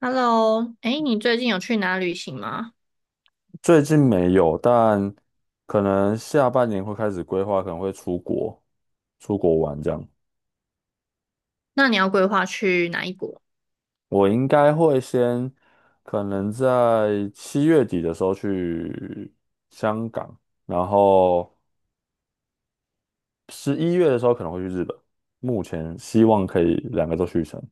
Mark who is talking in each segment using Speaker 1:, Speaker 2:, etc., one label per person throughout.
Speaker 1: Hello，哎，你最近有去哪旅行吗？
Speaker 2: 最近没有，但可能下半年会开始规划，可能会出国，出国玩这样。
Speaker 1: 那你要规划去哪一国？
Speaker 2: 我应该会先，可能在7月底的时候去香港，然后11月的时候可能会去日本。目前希望可以2个都去成，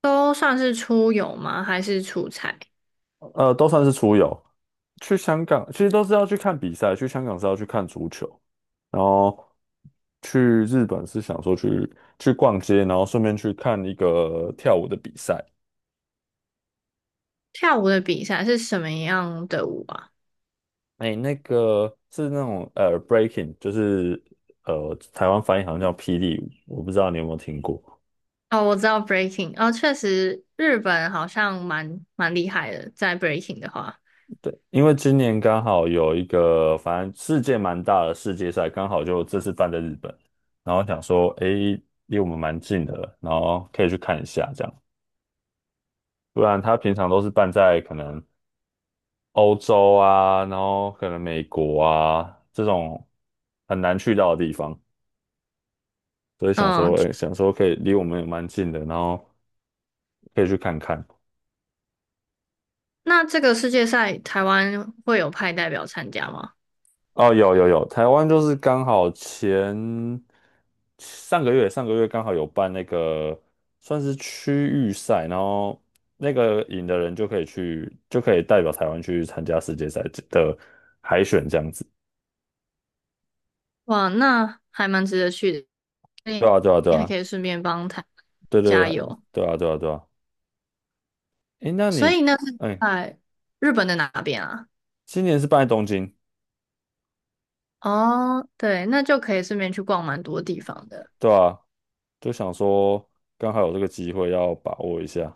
Speaker 1: 都算是出游吗？还是出差？
Speaker 2: 都算是出游。去香港其实都是要去看比赛，去香港是要去看足球，然后去日本是想说去逛街，然后顺便去看1个跳舞的比赛。
Speaker 1: 跳舞的比赛是什么样的舞啊？
Speaker 2: 哎，那个是那种breaking，就是台湾翻译好像叫霹雳舞，我不知道你有没有听过。
Speaker 1: 哦，我知道 breaking。哦，确实日本好像蛮厉害的，在 breaking 的话。
Speaker 2: 对，因为今年刚好有1个，反正世界蛮大的世界赛，刚好就这次办在日本，然后想说，诶，离我们蛮近的，然后可以去看一下这样。不然他平常都是办在可能欧洲啊，然后可能美国啊这种很难去到的地方，所以想
Speaker 1: 嗯，
Speaker 2: 说，哎，想说可以离我们也蛮近的，然后可以去看看。
Speaker 1: 那这个世界赛台湾会有派代表参加吗？
Speaker 2: 哦，有有有，台湾就是刚好前上个月上个月刚好有办那个算是区域赛，然后那个赢的人就可以代表台湾去参加世界赛的海选这样子。
Speaker 1: 哇，那还蛮值得去的，
Speaker 2: 对啊对啊对
Speaker 1: 你还
Speaker 2: 啊
Speaker 1: 可以顺便帮台
Speaker 2: 对对
Speaker 1: 加油。
Speaker 2: 对啊对啊对啊。诶，
Speaker 1: 所以那是
Speaker 2: 哎，
Speaker 1: 在日本的哪边啊？
Speaker 2: 今年是办在东京，
Speaker 1: 哦，对，那就可以顺便去逛蛮多地方的。
Speaker 2: 对吧。就想说刚好有这个机会要把握一下。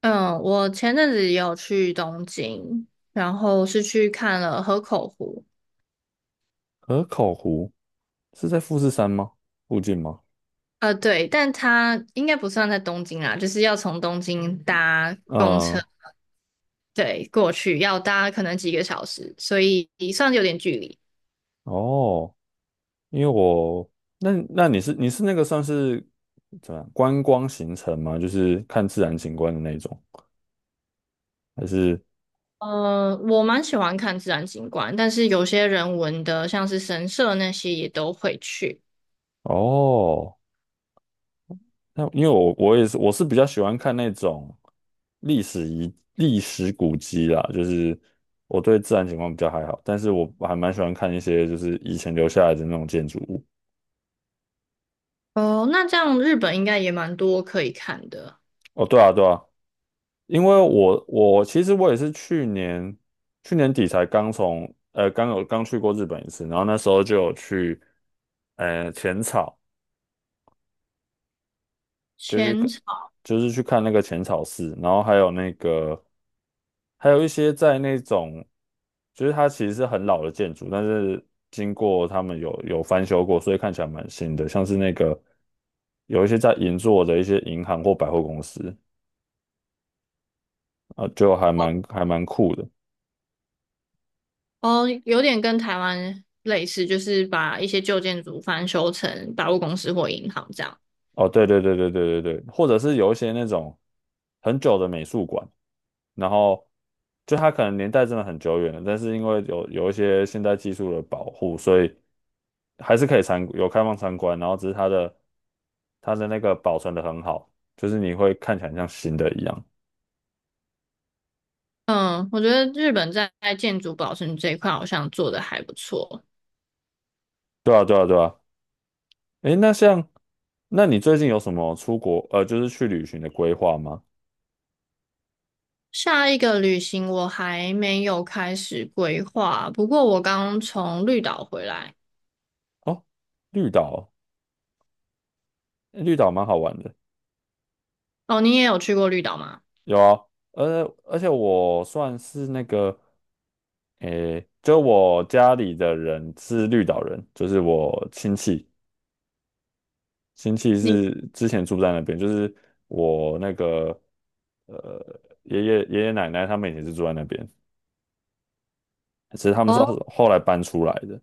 Speaker 1: 嗯，我前阵子也有去东京，然后是去看了河口湖。
Speaker 2: 河口湖是在富士山吗？附近吗？
Speaker 1: 呃，对，但它应该不算在东京啦，就是要从东京搭公车，
Speaker 2: 嗯。
Speaker 1: 对，过去要搭可能几个小时，所以算是有点距离。
Speaker 2: 哦，因为那你是那个算是怎么样观光行程吗？就是看自然景观的那种，还是
Speaker 1: 呃，我蛮喜欢看自然景观，但是有些人文的，像是神社那些也都会去。
Speaker 2: 哦？那因为我是比较喜欢看那种历史古迹啦，就是我对自然景观比较还好，但是我还蛮喜欢看一些就是以前留下来的那种建筑物。
Speaker 1: 哦，那这样日本应该也蛮多可以看的。
Speaker 2: 哦，对啊，对啊，因为我其实我也是去年底才刚从呃刚有刚去过日本1次，然后那时候就有去浅草。就去
Speaker 1: 前
Speaker 2: 看，就是去看那个浅草寺，然后还有那个，还有一些在那种，就是它其实是很老的建筑，但是经过他们有翻修过，所以看起来蛮新的，像是那个有一些在银座的一些银行或百货公司，啊，就还蛮酷的。
Speaker 1: 哦，有点跟台湾类似，就是把一些旧建筑翻修成百货公司或银行这样。
Speaker 2: 哦，对对对对对对对，或者是有一些那种很久的美术馆，然后就它可能年代真的很久远了，但是因为有一些现代技术的保护，所以还是可以有开放参观，然后只是它的那个保存的很好，就是你会看起来像新的一样。
Speaker 1: 嗯，我觉得日本在建筑保存这一块好像做得还不错。
Speaker 2: 对啊，对啊，对啊。诶，那你最近有什么出国就是去旅行的规划吗？
Speaker 1: 下一个旅行我还没有开始规划，不过我刚从绿岛回来。
Speaker 2: 哦，绿岛，绿岛蛮好玩的。
Speaker 1: 哦，你也有去过绿岛吗？
Speaker 2: 有啊，而且我算是那个，诶，就我家里的人是绿岛人，就是我亲戚，亲戚
Speaker 1: 你
Speaker 2: 是之前住在那边，就是我那个呃爷爷奶奶他们也是住在那边，其实他们是后
Speaker 1: 哦，
Speaker 2: 后来搬出来的，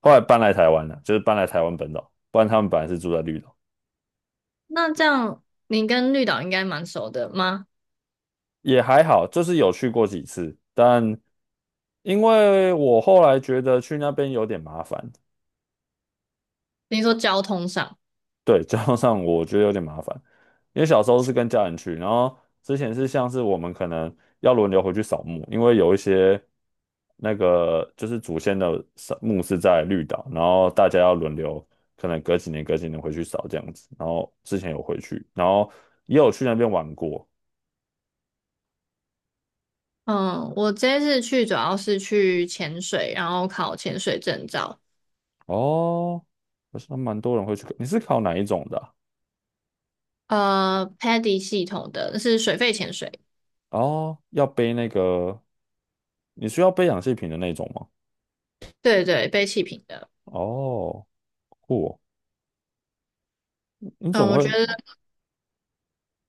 Speaker 2: 后来搬来台湾了，就是搬来台湾本岛，不然他们本来是住在绿岛，
Speaker 1: 那这样你跟绿岛应该蛮熟的吗？
Speaker 2: 也还好，就是有去过几次，但因为我后来觉得去那边有点麻烦。
Speaker 1: 你说交通上。
Speaker 2: 对，交通上我觉得有点麻烦，因为小时候是跟家人去，然后之前是像是我们可能要轮流回去扫墓，因为有一些那个就是祖先的扫墓是在绿岛，然后大家要轮流，可能隔几年隔几年回去扫这样子，然后之前有回去，然后也有去那边玩过。
Speaker 1: 嗯，我这次去主要是去潜水，然后考潜水证照。
Speaker 2: 哦，好像蛮多人会去，你是考哪1种的啊？
Speaker 1: 呃，Paddy 系统的是水肺潜水。
Speaker 2: 哦，要背那个，你需要背氧气瓶的那种吗？
Speaker 1: 对对，背气瓶的。
Speaker 2: 哦，酷哦。你怎
Speaker 1: 嗯，
Speaker 2: 么
Speaker 1: 我觉
Speaker 2: 会？
Speaker 1: 得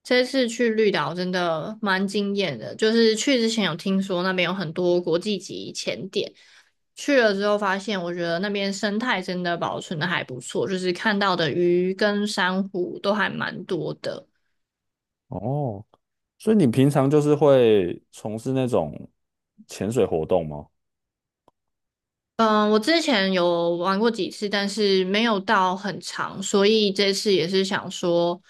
Speaker 1: 这次去绿岛真的蛮惊艳的，就是去之前有听说那边有很多国际级潜点，去了之后发现，我觉得那边生态真的保存的还不错，就是看到的鱼跟珊瑚都还蛮多的。
Speaker 2: 哦，所以你平常就是会从事那种潜水活动吗？
Speaker 1: 嗯，我之前有玩过几次，但是没有到很长，所以这次也是想说，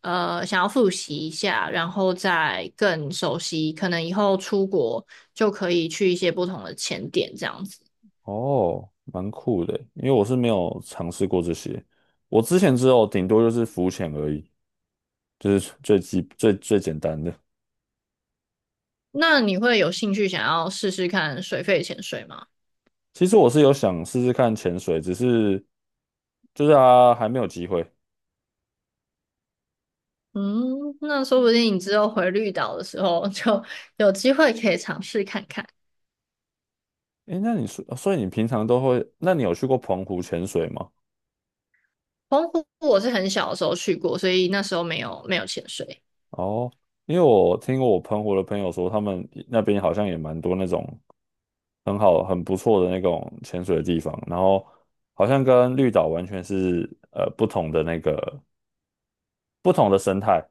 Speaker 1: 想要复习一下，然后再更熟悉，可能以后出国就可以去一些不同的潜点这样子。
Speaker 2: 哦，蛮酷的，因为我是没有尝试过这些，我之前只有顶多就是浮潜而已，就是最最简单的。
Speaker 1: 那你会有兴趣想要试试看水肺潜水吗？
Speaker 2: 其实我是有想试试看潜水，只是就是啊还没有机会。
Speaker 1: 嗯，那说不定你之后回绿岛的时候就有机会可以尝试看看。
Speaker 2: 诶，那你说，所以你平常都会，那你有去过澎湖潜水吗？
Speaker 1: 澎湖我是很小的时候去过，所以那时候没有潜水。
Speaker 2: 哦，因为我听过我澎湖的朋友说，他们那边好像也蛮多那种很好、很不错的那种潜水的地方，然后好像跟绿岛完全是不同的那个不同的生态。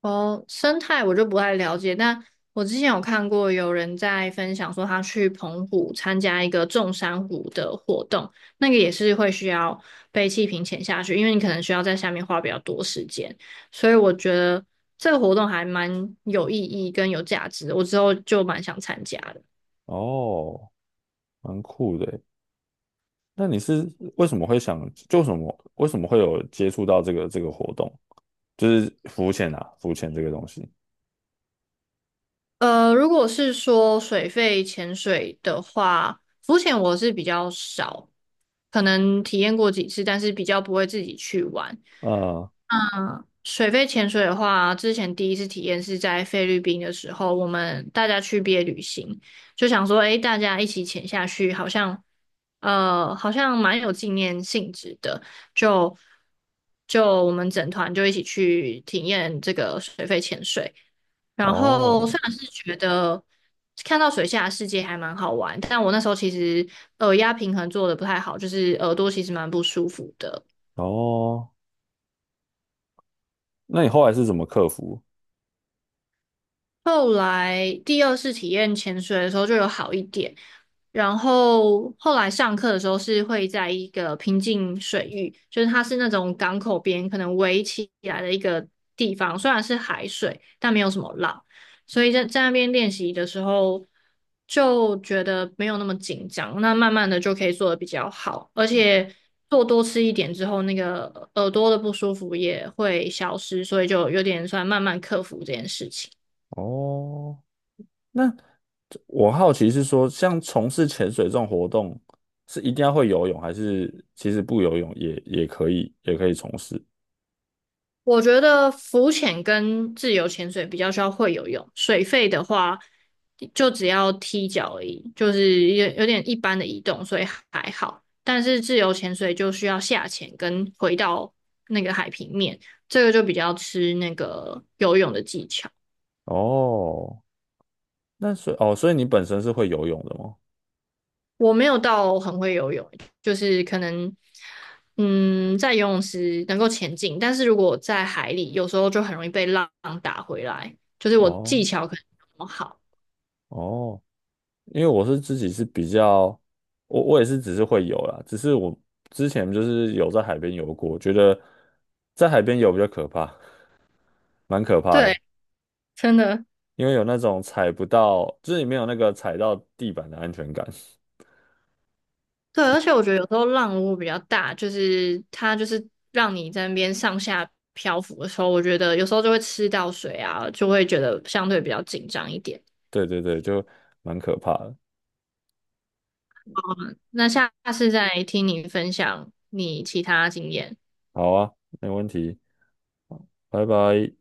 Speaker 1: 哦，生态我就不太了解，但我之前有看过有人在分享说，他去澎湖参加一个种珊瑚的活动，那个也是会需要被气瓶潜下去，因为你可能需要在下面花比较多时间，所以我觉得这个活动还蛮有意义跟有价值的，我之后就蛮想参加的。
Speaker 2: 哦，蛮酷的耶。那你是为什么会想，就什么为什么会有接触到这个活动，就是浮潜啊，浮潜这个东西。
Speaker 1: 如果是说水费潜水的话，浮潜我是比较少，可能体验过几次，但是比较不会自己去玩。
Speaker 2: 嗯。
Speaker 1: 水肺潜水的话，之前第一次体验是在菲律宾的时候，我们大家去毕业旅行，就想说，诶，大家一起潜下去，好像，好像蛮有纪念性质的，就就我们整团就一起去体验这个水肺潜水。然后
Speaker 2: 哦
Speaker 1: 虽然是觉得看到水下的世界还蛮好玩，但我那时候其实耳压平衡做的不太好，就是耳朵其实蛮不舒服的。
Speaker 2: 哦，那你后来是怎么克服？
Speaker 1: 后来第二次体验潜水的时候就有好一点，然后后来上课的时候是会在一个平静水域，就是它是那种港口边可能围起来的一个地方，虽然是海水，但没有什么浪，所以在那边练习的时候就觉得没有那么紧张，那慢慢的就可以做的比较好，而且做多吃一点之后，那个耳朵的不舒服也会消失，所以就有点算慢慢克服这件事情。
Speaker 2: 哦，那我好奇是说，像从事潜水这种活动，是一定要会游泳，还是其实不游泳也可以，也可以从事？
Speaker 1: 我觉得浮潜跟自由潜水比较需要会游泳，水肺的话就只要踢脚而已，就是有点一般的移动，所以还好。但是自由潜水就需要下潜跟回到那个海平面，这个就比较吃那个游泳的技巧。
Speaker 2: 哦，那所以哦，所以你本身是会游泳的吗？
Speaker 1: 我没有到很会游泳，就是可能嗯在游泳池能够前进，但是如果在海里，有时候就很容易被浪打回来，就是我技
Speaker 2: 哦
Speaker 1: 巧可能没有那么好。
Speaker 2: 哦，因为自己是比较，我也是只是会游啦，只是我之前就是有在海边游过，觉得在海边游比较可怕，蛮可怕
Speaker 1: 对，
Speaker 2: 的，
Speaker 1: 真的。
Speaker 2: 因为有那种踩不到，就是你没有那个踩到地板的安全感。
Speaker 1: 对，而且我觉得有时候浪如果比较大，就是它就是让你在那边上下漂浮的时候，我觉得有时候就会吃到水啊，就会觉得相对比较紧张一点。
Speaker 2: 对对对，就蛮可怕的。
Speaker 1: 那下次再听你分享你其他经验。
Speaker 2: 好啊，没问题，拜拜。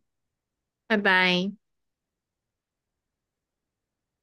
Speaker 1: 拜拜。